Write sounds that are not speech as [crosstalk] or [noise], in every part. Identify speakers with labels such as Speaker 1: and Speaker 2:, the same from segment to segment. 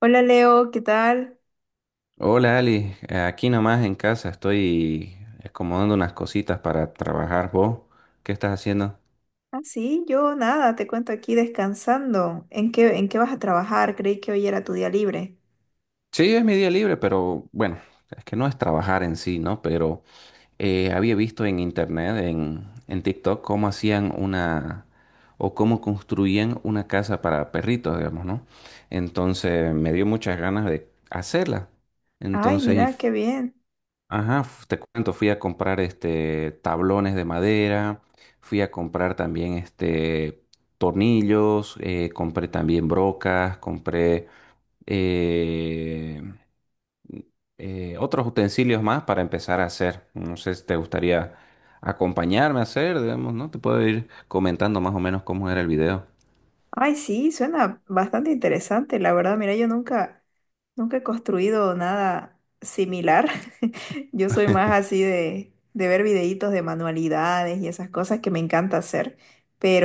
Speaker 1: Hola Leo, ¿qué tal?
Speaker 2: Hola Ali, aquí nomás en casa estoy acomodando unas cositas para trabajar. ¿Vos qué estás haciendo?
Speaker 1: Ah, sí, yo nada, te cuento aquí descansando. ¿En qué vas a trabajar? Creí que hoy era tu día libre.
Speaker 2: Sí, es mi día libre, pero bueno, es que no es trabajar en sí, ¿no? Pero había visto en internet, en TikTok, cómo hacían una o cómo construían una casa para perritos, digamos, ¿no? Entonces me dio muchas ganas de hacerla.
Speaker 1: Ay,
Speaker 2: Entonces, y
Speaker 1: mira, qué bien.
Speaker 2: ajá, te cuento, fui a comprar este tablones de madera, fui a comprar también este tornillos, compré también brocas, compré eh, otros utensilios más para empezar a hacer. No sé si te gustaría acompañarme a hacer, digamos, ¿no? Te puedo ir comentando más o menos cómo era el video.
Speaker 1: Ay, sí, suena bastante interesante, la verdad. Mira, yo nunca, nunca he construido nada similar. [laughs] Yo soy más así de ver videitos de manualidades y esas cosas que me encanta hacer,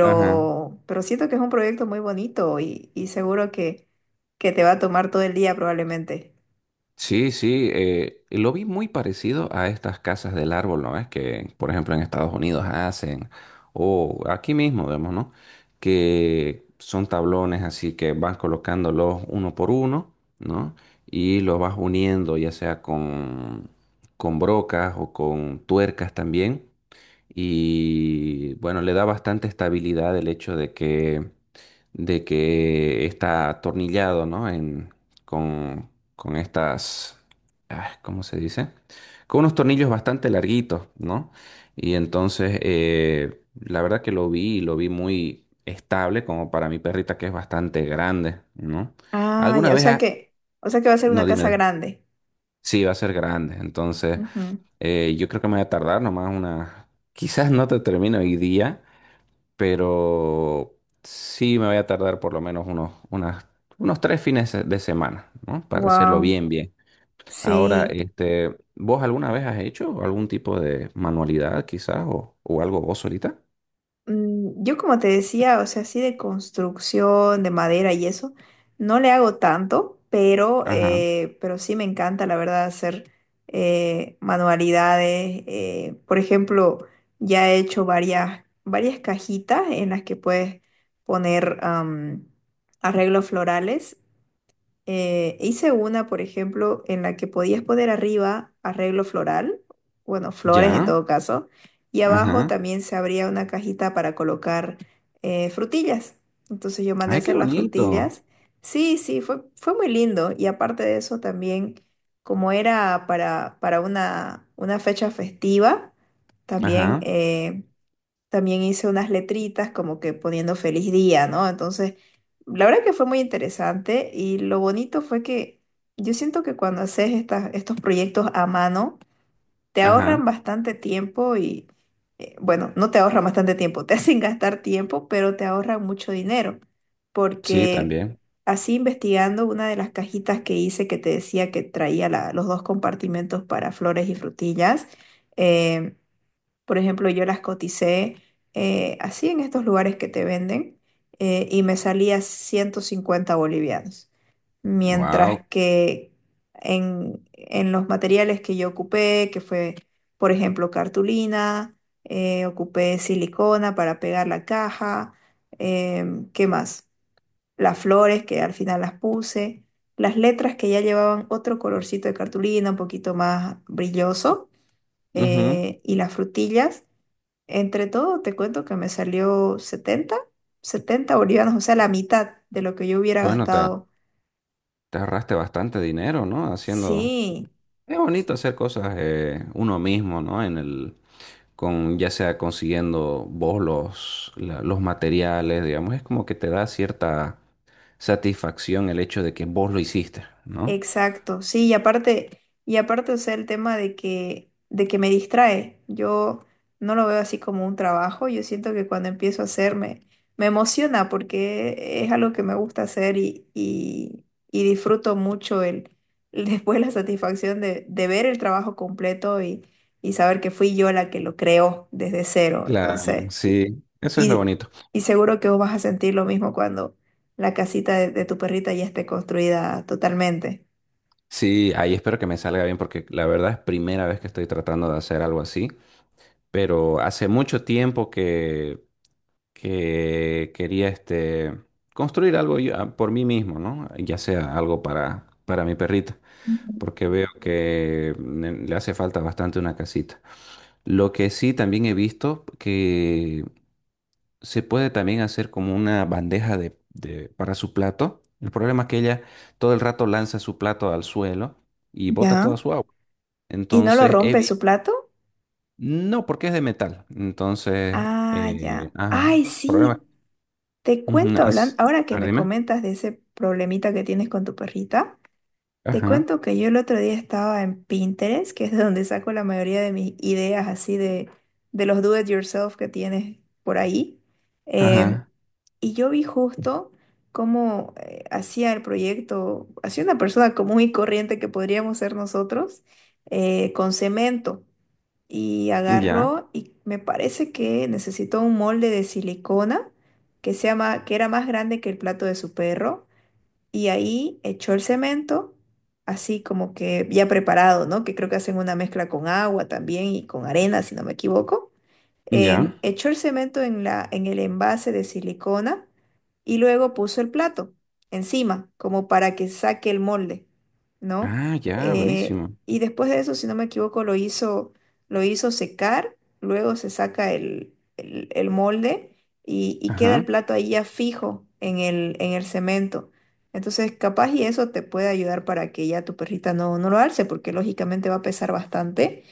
Speaker 2: Ajá.
Speaker 1: pero siento que es un proyecto muy bonito y seguro que te va a tomar todo el día probablemente.
Speaker 2: Sí, sí, lo vi muy parecido a estas casas del árbol, ¿no? Es que, por ejemplo, en Estados Unidos hacen, o aquí mismo, vemos, ¿no? Que son tablones así que vas colocándolos uno por uno, ¿no? Y los vas uniendo, ya sea con brocas o con tuercas también. Y bueno, le da bastante estabilidad el hecho de que está atornillado, ¿no? En, con, con estas, ah, ¿cómo se dice? Con unos tornillos bastante larguitos, ¿no? Y entonces, la verdad que lo vi, y lo vi muy estable, como para mi perrita que es bastante grande, ¿no?
Speaker 1: Ah,
Speaker 2: ¿Alguna
Speaker 1: ya,
Speaker 2: vez ha-
Speaker 1: o sea que va a ser una
Speaker 2: No,
Speaker 1: casa
Speaker 2: dime.
Speaker 1: grande.
Speaker 2: Sí, va a ser grande. Entonces, yo creo que me voy a tardar nomás una... Quizás no te termino hoy día, pero sí me voy a tardar por lo menos unos tres fines de semana, ¿no? Para hacerlo
Speaker 1: Wow,
Speaker 2: bien, bien. Ahora,
Speaker 1: sí.
Speaker 2: este, ¿vos alguna vez has hecho algún tipo de manualidad quizás o algo vos solita?
Speaker 1: Yo, como te decía, o sea, así de construcción, de madera y eso, no le hago tanto, pero,
Speaker 2: Ajá.
Speaker 1: eh, pero sí me encanta, la verdad, hacer manualidades. Por ejemplo, ya he hecho varias cajitas en las que puedes poner arreglos florales. Hice una, por ejemplo, en la que podías poner arriba arreglo floral, bueno, flores en
Speaker 2: ¿Ya?
Speaker 1: todo caso, y abajo
Speaker 2: Ajá.
Speaker 1: también se abría una cajita para colocar frutillas. Entonces yo mandé a
Speaker 2: Ay, qué
Speaker 1: hacer las
Speaker 2: bonito.
Speaker 1: frutillas. Sí, sí, fue muy lindo. Y aparte de eso también, como era para una fecha festiva, también
Speaker 2: Ajá.
Speaker 1: eh, también hice unas letritas como que poniendo feliz día, ¿no? Entonces, la verdad que fue muy interesante y lo bonito fue que yo siento que cuando haces estas, estos proyectos a mano, te ahorran
Speaker 2: Ajá.
Speaker 1: bastante tiempo bueno, no te ahorran bastante tiempo, [laughs] te hacen gastar tiempo, pero te ahorran mucho dinero,
Speaker 2: Sí,
Speaker 1: porque,
Speaker 2: también.
Speaker 1: así investigando, una de las cajitas que hice, que te decía que traía los dos compartimentos para flores y frutillas, eh, por ejemplo, yo las coticé así en estos lugares que te venden, y me salía 150 bolivianos.
Speaker 2: Wow.
Speaker 1: Mientras que en los materiales que yo ocupé, que fue, por ejemplo, cartulina, ocupé silicona para pegar la caja, ¿qué más? Las flores que al final las puse, las letras que ya llevaban otro colorcito de cartulina, un poquito más brilloso, y las frutillas. Entre todo, te cuento que me salió setenta bolivianos, o sea, la mitad de lo que yo hubiera
Speaker 2: Bueno,
Speaker 1: gastado.
Speaker 2: te ahorraste bastante dinero, ¿no? Haciendo...
Speaker 1: Sí.
Speaker 2: Es bonito hacer cosas uno mismo, ¿no? En el, con ya sea consiguiendo vos los materiales, digamos, es como que te da cierta satisfacción el hecho de que vos lo hiciste, ¿no?
Speaker 1: Exacto, sí, y aparte, o sea, el tema de que me distrae. Yo no lo veo así como un trabajo. Yo siento que cuando empiezo a hacerme, me emociona porque es algo que me gusta hacer y disfruto mucho el [laughs] después la satisfacción de ver el trabajo completo y saber que fui yo la que lo creó desde cero.
Speaker 2: Claro,
Speaker 1: Entonces,
Speaker 2: sí, eso es lo
Speaker 1: y,
Speaker 2: bonito.
Speaker 1: y seguro que vos vas a sentir lo mismo cuando la casita de tu perrita ya esté construida totalmente.
Speaker 2: Sí, ahí espero que me salga bien porque la verdad es primera vez que estoy tratando de hacer algo así, pero hace mucho tiempo que quería este, construir algo ah, por mí mismo, ¿no? Ya sea algo para mi perrita, porque veo que mm, le hace falta bastante una casita. Lo que sí también he visto que se puede también hacer como una bandeja para su plato. El problema es que ella todo el rato lanza su plato al suelo y bota
Speaker 1: Ya.
Speaker 2: toda su agua.
Speaker 1: ¿Y no lo
Speaker 2: Entonces,
Speaker 1: rompe su plato?
Speaker 2: no, porque es de metal. Entonces,
Speaker 1: Ah, ya.
Speaker 2: ajá,
Speaker 1: Ay,
Speaker 2: problema.
Speaker 1: sí. Te
Speaker 2: Ujú,
Speaker 1: cuento, hablando, ahora
Speaker 2: a
Speaker 1: que
Speaker 2: ver,
Speaker 1: me
Speaker 2: dime.
Speaker 1: comentas de ese problemita que tienes con tu perrita, te
Speaker 2: Ajá,
Speaker 1: cuento que yo el otro día estaba en Pinterest, que es de donde saco la mayoría de mis ideas así de los do it yourself que tienes por ahí. Em,
Speaker 2: ajá,
Speaker 1: y yo vi justo cómo hacía el proyecto, hacía una persona común y corriente que podríamos ser nosotros, con cemento. Y
Speaker 2: ya,
Speaker 1: agarró, y me parece que necesitó un molde de silicona que era más grande que el plato de su perro, y ahí echó el cemento, así como que ya preparado, ¿no? Que creo que hacen una mezcla con agua también y con arena, si no me equivoco.
Speaker 2: ya.
Speaker 1: Echó el cemento en la, en el envase de silicona y luego puso el plato encima, como para que saque el molde, ¿no?
Speaker 2: Ah, ya, buenísimo.
Speaker 1: Y después de eso, si no me equivoco, lo hizo secar, luego se saca el, el molde, y queda el plato ahí ya fijo en el cemento. Entonces, capaz y eso te puede ayudar para que ya tu perrita no lo alce, porque lógicamente va a pesar bastante.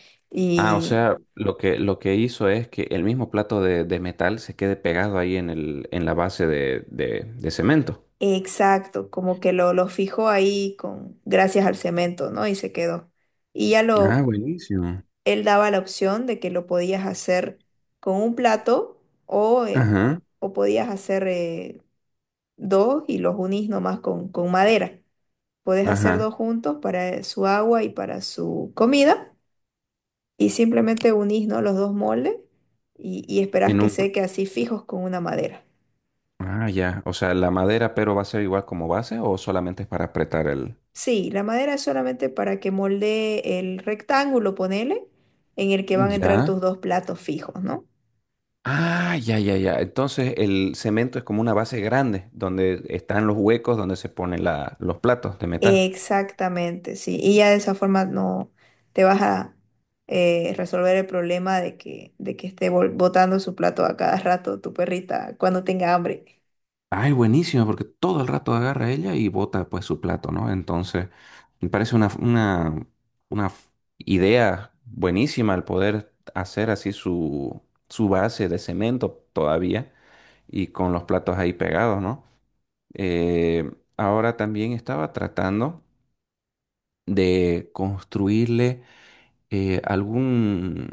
Speaker 2: Ah, o sea, lo que hizo es que el mismo plato de metal se quede pegado ahí en el, en la base de cemento.
Speaker 1: Exacto, como que lo fijó ahí con, gracias al cemento, ¿no? Y se quedó. Y ya
Speaker 2: Ah,
Speaker 1: lo,
Speaker 2: buenísimo.
Speaker 1: él daba la opción de que lo podías hacer con un plato o, eh,
Speaker 2: Ajá,
Speaker 1: o podías hacer dos y los unís nomás con madera. Podés hacer
Speaker 2: ajá.
Speaker 1: dos juntos para su agua y para su comida y simplemente unís, ¿no?, los dos moldes, y esperás
Speaker 2: En
Speaker 1: que
Speaker 2: un, pr-
Speaker 1: seque así fijos con una madera.
Speaker 2: ah, ya. O sea, la madera, pero va a ser igual como base o solamente es para apretar el.
Speaker 1: Sí, la madera es solamente para que moldee el rectángulo, ponele, en el que van a entrar
Speaker 2: Ya.
Speaker 1: tus dos platos fijos, ¿no?
Speaker 2: Ah, ya, ya, ya. Entonces el cemento es como una base grande donde están los huecos donde se ponen los platos de metal.
Speaker 1: Exactamente, sí. Y ya de esa forma no te vas a, resolver el problema de que esté botando su plato a cada rato tu perrita cuando tenga hambre.
Speaker 2: Ay, buenísimo, porque todo el rato agarra ella y bota pues su plato, ¿no? Entonces, me parece una f- idea buenísima el poder hacer así su, su base de cemento todavía y con los platos ahí pegados, ¿no? Eh, ahora también estaba tratando de construirle algún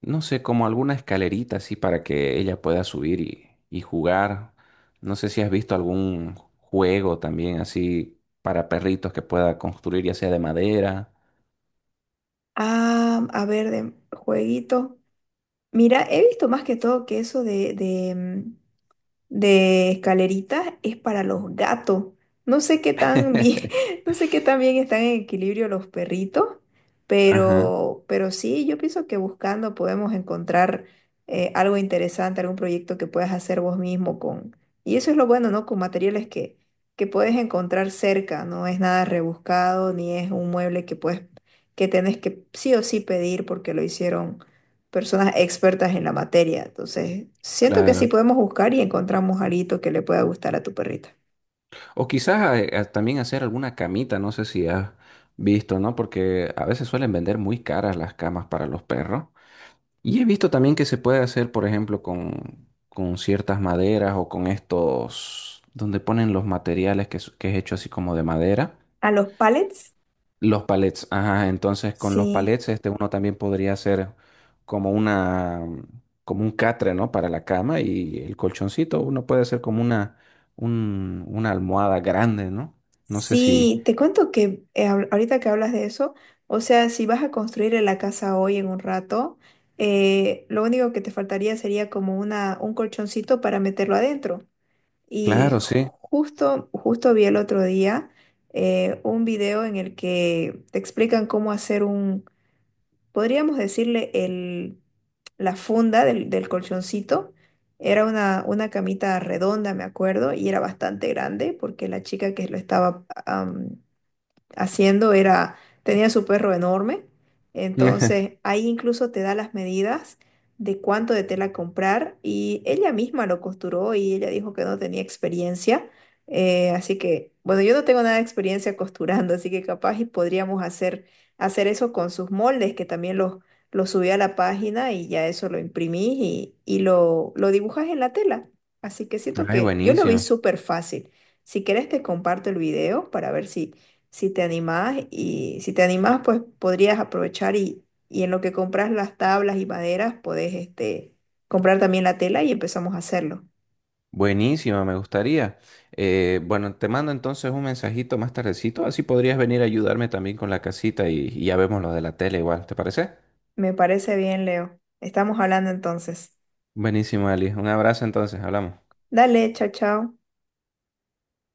Speaker 2: no sé, como alguna escalerita así para que ella pueda subir y jugar. No sé si has visto algún juego también así para perritos que pueda construir, ya sea de madera.
Speaker 1: Ah, a ver, de jueguito. Mira, he visto más que todo que eso de, de escaleritas es para los gatos. No sé qué tan bien,
Speaker 2: [laughs]
Speaker 1: [laughs] no sé qué tan bien están en equilibrio los perritos,
Speaker 2: Ajá,
Speaker 1: pero sí, yo pienso que buscando podemos encontrar algo interesante, algún proyecto que puedas hacer vos mismo con... Y eso es lo bueno, ¿no? Con materiales que puedes encontrar cerca, no es nada rebuscado, ni es un mueble que puedes, que tenés que sí o sí pedir porque lo hicieron personas expertas en la materia. Entonces, siento que sí
Speaker 2: claro.
Speaker 1: podemos buscar y encontramos algo que le pueda gustar a tu perrita.
Speaker 2: O quizás también hacer alguna camita, no sé si has visto, ¿no? Porque a veces suelen vender muy caras las camas para los perros. Y he visto también que se puede hacer, por ejemplo, con ciertas maderas o con estos, donde ponen los materiales que es hecho así como de madera.
Speaker 1: ¿A los pallets?
Speaker 2: Los palets, ajá, entonces con los
Speaker 1: Sí.
Speaker 2: palets este uno también podría hacer como una como un catre, ¿no? Para la cama y el colchoncito uno puede hacer como una una almohada grande, ¿no? No sé si,
Speaker 1: Sí, te cuento que ahorita que hablas de eso, o sea, si vas a construir la casa hoy en un rato, lo único que te faltaría sería como una, un colchoncito para meterlo adentro. Y
Speaker 2: claro, sí.
Speaker 1: justo, justo vi el otro día un video en el que te explican cómo hacer, podríamos decirle, el, la funda del, del colchoncito. Era una camita redonda, me acuerdo, y era bastante grande porque la chica que lo estaba haciendo era, tenía su perro enorme, entonces
Speaker 2: [laughs]
Speaker 1: ahí incluso te da las medidas de cuánto de tela comprar y ella misma lo costuró y ella dijo que no tenía experiencia, así que bueno, yo no tengo nada de experiencia costurando, así que capaz y podríamos hacer, hacer eso con sus moldes, que también los subí a la página, y ya eso lo imprimí y lo dibujas en la tela, así que siento
Speaker 2: Ay,
Speaker 1: que yo lo vi
Speaker 2: buenísimo.
Speaker 1: súper fácil. Si querés te comparto el video para ver si, si te animás, y si te animás, pues podrías aprovechar y en lo que compras las tablas y maderas, podés comprar también la tela y empezamos a hacerlo.
Speaker 2: Buenísimo, me gustaría. Bueno, te mando entonces un mensajito más tardecito, así podrías venir a ayudarme también con la casita y ya vemos lo de la tele igual, ¿te parece?
Speaker 1: Me parece bien, Leo. Estamos hablando, entonces.
Speaker 2: Buenísimo, Ali. Un abrazo entonces, hablamos.
Speaker 1: Dale, chao, chao.